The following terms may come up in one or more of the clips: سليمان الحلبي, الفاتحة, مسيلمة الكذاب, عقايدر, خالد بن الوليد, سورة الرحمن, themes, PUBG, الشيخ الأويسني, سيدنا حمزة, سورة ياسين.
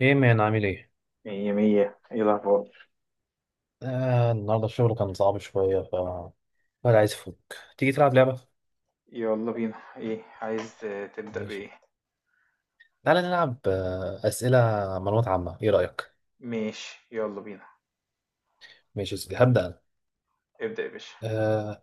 ايه مان، عامل ايه؟ مية مية. ايه الأخبار؟ النهارده الشغل كان صعب شوية، ولا عايز افك. تيجي تلعب لعبة؟ يلا بينا. ايه عايز تبدأ ماشي. بإيه؟ تعالى نلعب أسئلة معلومات عامة، ايه رأيك؟ ماشي، يلا بينا. ماشي يا سيدي، هبدأ أنا. ابدأ يا باشا. آه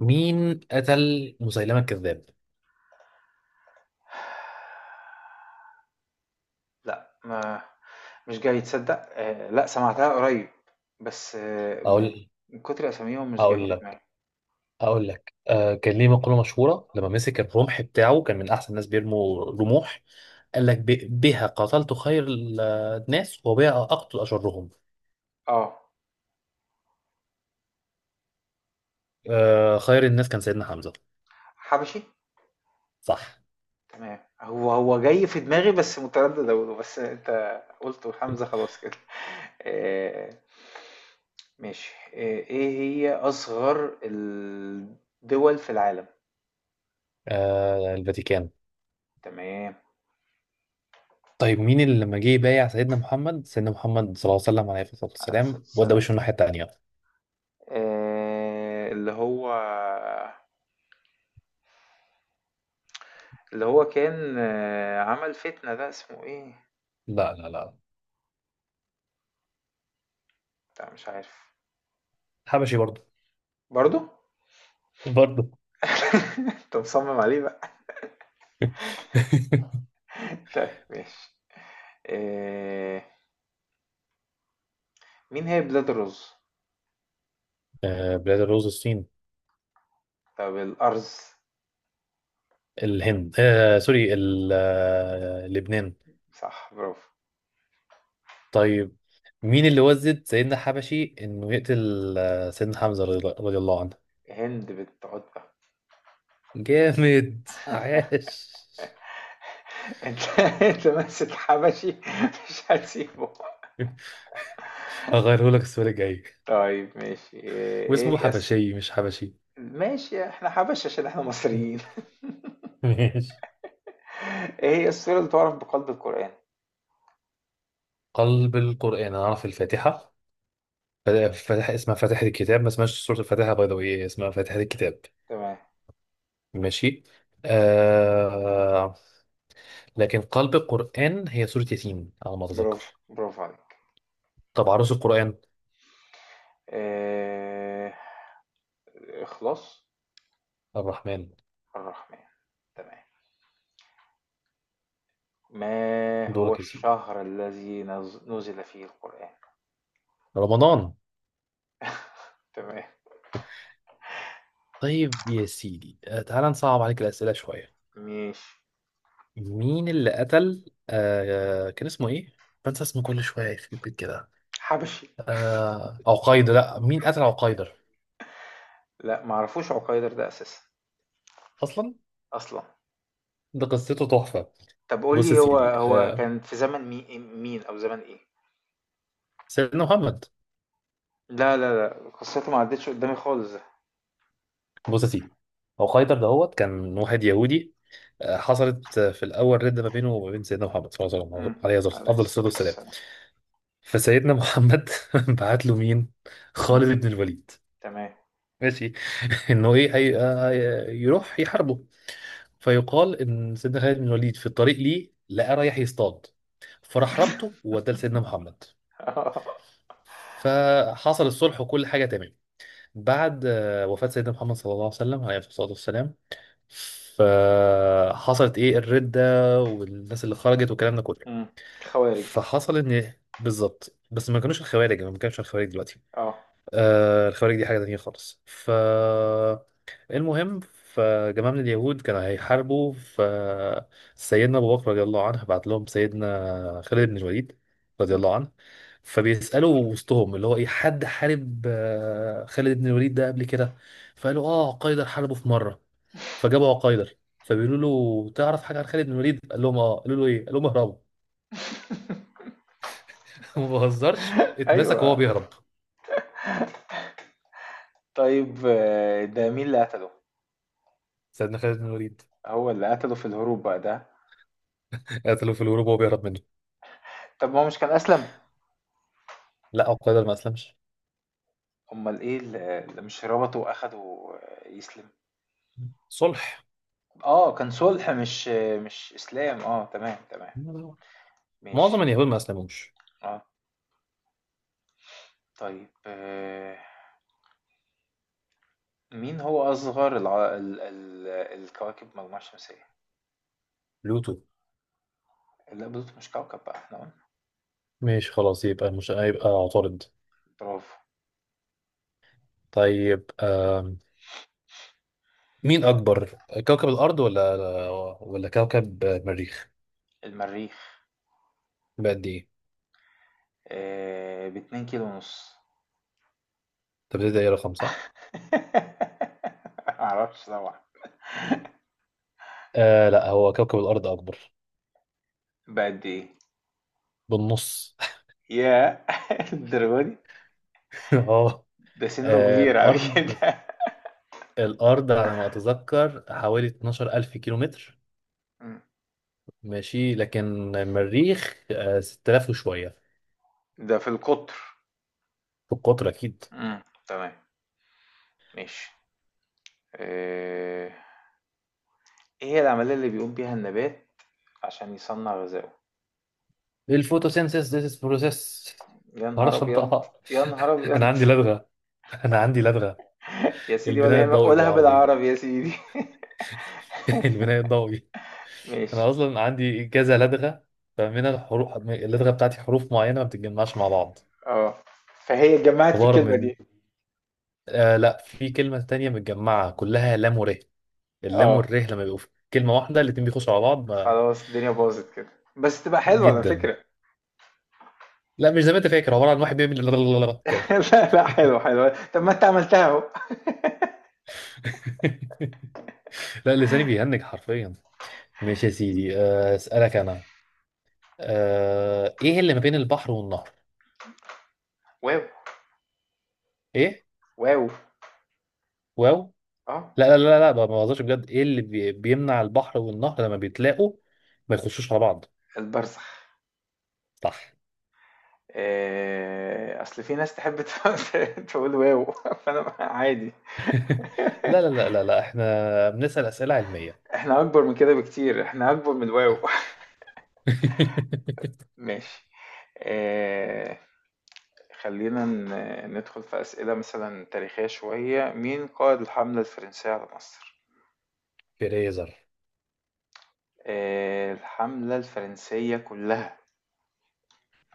مين قتل مسيلمة الكذاب؟ لا، ما مش جاي تصدق. لا، سمعتها قريب. بس أقول من كتر أساميهم مش جاي أقول في لك دماغي. كان ليه مقولة مشهورة، لما مسك الرمح بتاعه كان من أحسن الناس بيرموا رموح. قال لك: بها قتلت خير الناس، وبها أقتل أشرهم. اه، خير الناس كان سيدنا حمزة. حبشي. صح. تمام، هو هو جاي في دماغي بس متردد أقوله، بس أنت قلته حمزة خلاص كده. آه، ماشي. ايه هي أصغر الدول في العالم؟ الفاتيكان. تمام، طيب، مين اللي لما جه يبايع سيدنا محمد صلى الله عليه وسلم، عليه الصلاة عليه الصلاة والسلام، وده والسلام. وشه الناحية التانية؟ اللي هو كان، عمل فتنة ده اسمه ايه؟ لا، لا، لا، لا، مش عارف. حبشي برضه، برضو؟ برضه. انت مصمم عليه بقى. طيب ماشي. آه، مين هي بلاد الرز؟ بلاد الرز، الصين، طب الأرز. الهند، سوري، لبنان. صح، برافو. طيب، مين اللي وزد سيدنا حبشي انه يقتل سيدنا حمزة، رضي الله عنه؟ هند بنت عتبة. جامد. عاش. انت انت ماسك حبشي، مش هتسيبه. هغيره لك السؤال الجاي. طيب ماشي. ايه واسمه يس. حبشي مش حبشي. ماشي، احنا حبش عشان احنا مصريين. ماشي. ايه هي السورة اللي تعرف بقلب القرآن؟ قلب القرآن، أنا أعرف الفاتحة. اسمها فاتحة الكتاب، ما اسمهاش سورة الفاتحة، باي ذا واي اسمها فاتحة الكتاب. تمام. ماشي. آه لكن قلب القرآن هي سورة ياسين على ما أتذكر. برافو، برافو عليك. طب، عروس القرآن؟ آه... الإخلاص. الرحمن. الرحمن. تمام. ما هو دورك يا سيدي. الشهر الذي نزل فيه القرآن؟ رمضان. تمام، طيب يا سيدي، تعال نصعب عليك الأسئلة شوية. ماشي. مين اللي قتل، كان اسمه إيه؟ بنسى اسمه كل شوية، يخرب بيت كده. حبشي. لا، مين قتل عقيدر؟ لا، معرفوش عقيدر ده أساسا، أصلا. أصلا. ده قصته تحفة. طب قول بص يا لي، هو سيدي، هو كان في زمن مين أو زمن إيه؟ سيدنا محمد. لا لا لا، قصته ما عدتش قدامي خالص ده. بص يا سيدي، هو خيدر دهوت كان واحد يهودي. حصلت في الاول رده ما بينه وما بين سيدنا محمد صلى الله عليه وسلم، مم. عليه أفضل عليه أفضل الصلاه الصلاة والسلام. والسلام. فسيدنا محمد بعت له مين؟ مم. خالد بن الوليد. تمام. ماشي. انه ايه هي... آه، يروح يحاربه. فيقال ان سيدنا خالد بن الوليد في الطريق ليه لقى رايح يصطاد، فراح ربطه ووداه لسيدنا محمد. فحصل الصلح وكل حاجه تمام. بعد وفاه سيدنا محمد صلى الله عليه وسلم، عليه الصلاه والسلام، فحصلت، ايه، الردة، والناس اللي خرجت والكلام ده كله. مم. خوارج. فحصل ان، بالظبط، بس ما كانوش الخوارج، يعني ما كانش الخوارج دلوقتي. اه. الخوارج دي حاجة تانية خالص، المهم، فجماعة من اليهود كانوا هيحاربوا، فسيدنا أبو بكر رضي الله عنه بعت لهم سيدنا خالد بن الوليد رضي مم. الله عنه. فبيسألوا وسطهم، اللي هو إيه، حد حارب خالد بن الوليد ده قبل كده؟ فقالوا قيدر حاربه في مرة. فجابوا عقايدر، فبيقولوا له: تعرف حاجة عن خالد بن الوليد؟ قال لهم قالوا له إيه؟ قال لهم: اهربوا. ما بهزرش، اتمسك وهو ايوه. بيهرب. طيب. ده مين اللي قتله؟ سيدنا خالد بن الوليد. هو اللي قتله في الهروب بقى ده؟ قتلوه في الهروب وهو بيهرب منه. طب ما هو مش كان اسلم؟ لا، عقايدر ما أسلمش. امال ايه اللي مش ربطه واخده يسلم؟ صلح. اه، كان صلح، مش اسلام. اه، تمام تمام. معظم ماشي. اليهود ما اسلموش. اه. طيب. مين هو اصغر الكواكب المجموعة الشمسية؟ بلوتو. لا، بلوتو مش كوكب بقى، احنا قلنا. ماشي، خلاص، يبقى مش هيبقى عطارد. برافو. طيب، مين اكبر؟ كوكب الارض ولا كوكب المريخ؟ المريخ. بقد ايه؟ باتنين كيلو ونص. طب ده ايه، رقم صح؟ معرفش طبعا. لا، هو كوكب الارض اكبر. بقد ايه؟ بالنص. ياه، الدرجة دي! اه. ده سنه آه، كبير على الارض كده. الارض على ما اتذكر حوالي 12000 كيلومتر. مم. ماشي، لكن المريخ 6000 وشويه. ده في القطر. في القطر اكيد. مم، تمام. ماشي. آه، ايه هي العملية اللي بيقوم بيها النبات عشان يصنع غذائه؟ الفوتوسينثيس، ذيس بروسيس. يا ما نهار اعرفش ابيض! انطقها. يا نهار انا ابيض! عندي لدغه، انا عندي لدغه. يا سيدي ولا البناء يهمك، الضوئي قولها بالعربي. بالعربي يا سيدي. البناء الضوئي. ماشي. انا اصلا عندي كذا لدغه. فمن الحروف اللدغه بتاعتي، حروف معينه ما بتتجمعش مع بعض. اه، فهي اتجمعت في عباره الكلمة من دي. لا، في كلمه تانية متجمعه كلها لام وره. اللام اه، والره لما بيبقوا في كلمه واحده، الاتنين بيخشوا على بعض خلاص الدنيا باظت كده، بس تبقى حلوة على جدا. فكرة. لا، مش زي ما انت فاكر، عباره عن واحد بيعمل كده. لا لا، حلوة حلوة، طب ما انت عملتها اهو. لا، لساني بيهنج حرفيا. ماشي يا سيدي، اسالك انا. ايه اللي ما بين البحر والنهر؟ واو. ايه؟ واو. واو؟ اه، لا، لا، لا، لا، ما بهزرش بجد، ايه اللي بيمنع البحر والنهر لما بيتلاقوا ما يخشوش على بعض؟ البرزخ. صح. اصل في ناس تحب تقول واو، فانا عادي. لا، لا، لا، لا، لا، احنا بنسال اسئله علميه. احنا اكبر من كده بكتير، احنا اكبر من واو. ماشي. آه، خلينا ندخل في اسئله مثلا تاريخيه شويه. مين قائد الحمله الفرنسيه على مصر؟ فريزر. الحمله الفرنسيه كلها.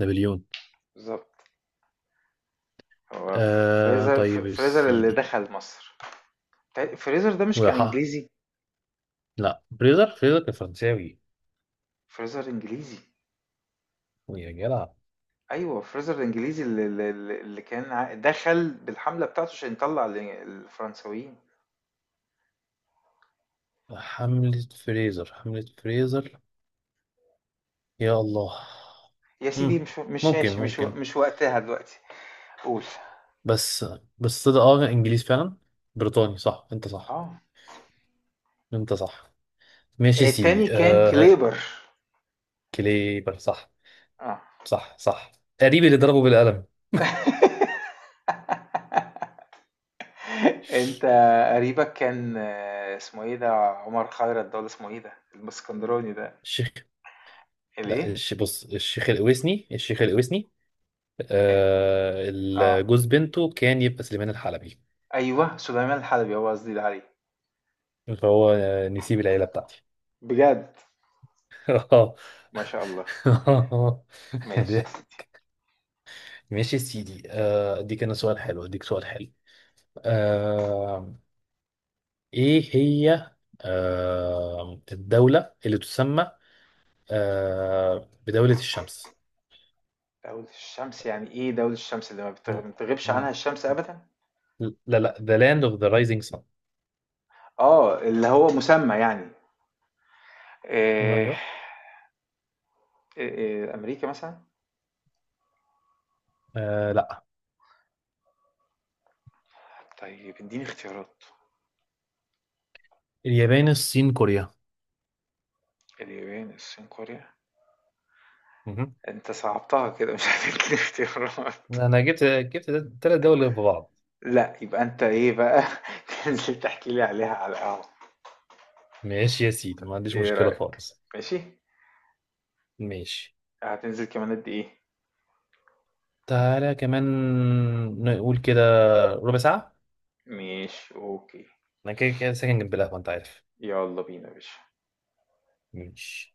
نابليون. بالظبط. هو فريزر، طيب يا فريزر اللي سيدي. دخل مصر؟ فريزر ده مش كان وح... انجليزي؟ لا، فريزر كان فرنساوي. فريزر انجليزي. يا جدع، أيوه، فرايزر الإنجليزي اللي كان دخل بالحملة بتاعته عشان يطلع الفرنساويين. حملة فريزر، حملة فريزر، يا الله. يا سيدي، مم. مش ممكن، ماشي، ممكن. مش وقتها دلوقتي. قول. بس، ده انجليز فعلا. بريطاني، صح، انت صح. اه، انت صح. ماشي يا سيدي. التاني كان كليبر. كليبر صح. اه، صح، صح. قريب اللي ضربه بالقلم. انت قريبك كان اسمه ايه ده؟ عمر خيرت ده ولا اسمه ايه ده الاسكندراني ده؟ الشيخ. لا، الايه؟ بص، الشيخ الأويسني، الشيخ الأويسني. اه. آه. جوز بنته كان يبقى سليمان الحلبي. ايوه، سليمان الحلبي هو قصدي ده عليه. فهو نسيب العيلة بتاعتي. بجد؟ اه. ما شاء الله. ماشي. ماشي يا سيدي، اديك انا سؤال حلو، اديك سؤال حلو. آه، إيه هي الدولة اللي تسمى بدولة الشمس؟ دولة الشمس يعني إيه؟ دولة الشمس اللي م- ما بتغيبش عنها م- الشمس أبدا؟ لا، لا، The Land of the Rising Sun. اللي هو مسمى، يعني إيه؟ أيوه. إيه، أمريكا مثلا؟ لا، طيب، إديني اختيارات. اليابان، الصين، كوريا. اليابان، الصين، كوريا؟ مهم. أنت صعبتها كده، مش هتديني اختيارات. أنا جبت 3 دول في بعض. لا، يبقى أنت إيه بقى، تنزل تحكي لي عليها على القهوة. ماشي يا سيدي، ما عنديش إيه مشكلة رأيك؟ خالص. ماشي؟ ماشي. هتنزل كمان قد إيه؟ تعالى كمان، نقول كده ربع ساعة. ماشي أوكي. أنا كده كده ساكن جنب القهوة، أنت عارف. يلا بينا يا باشا. ماشي.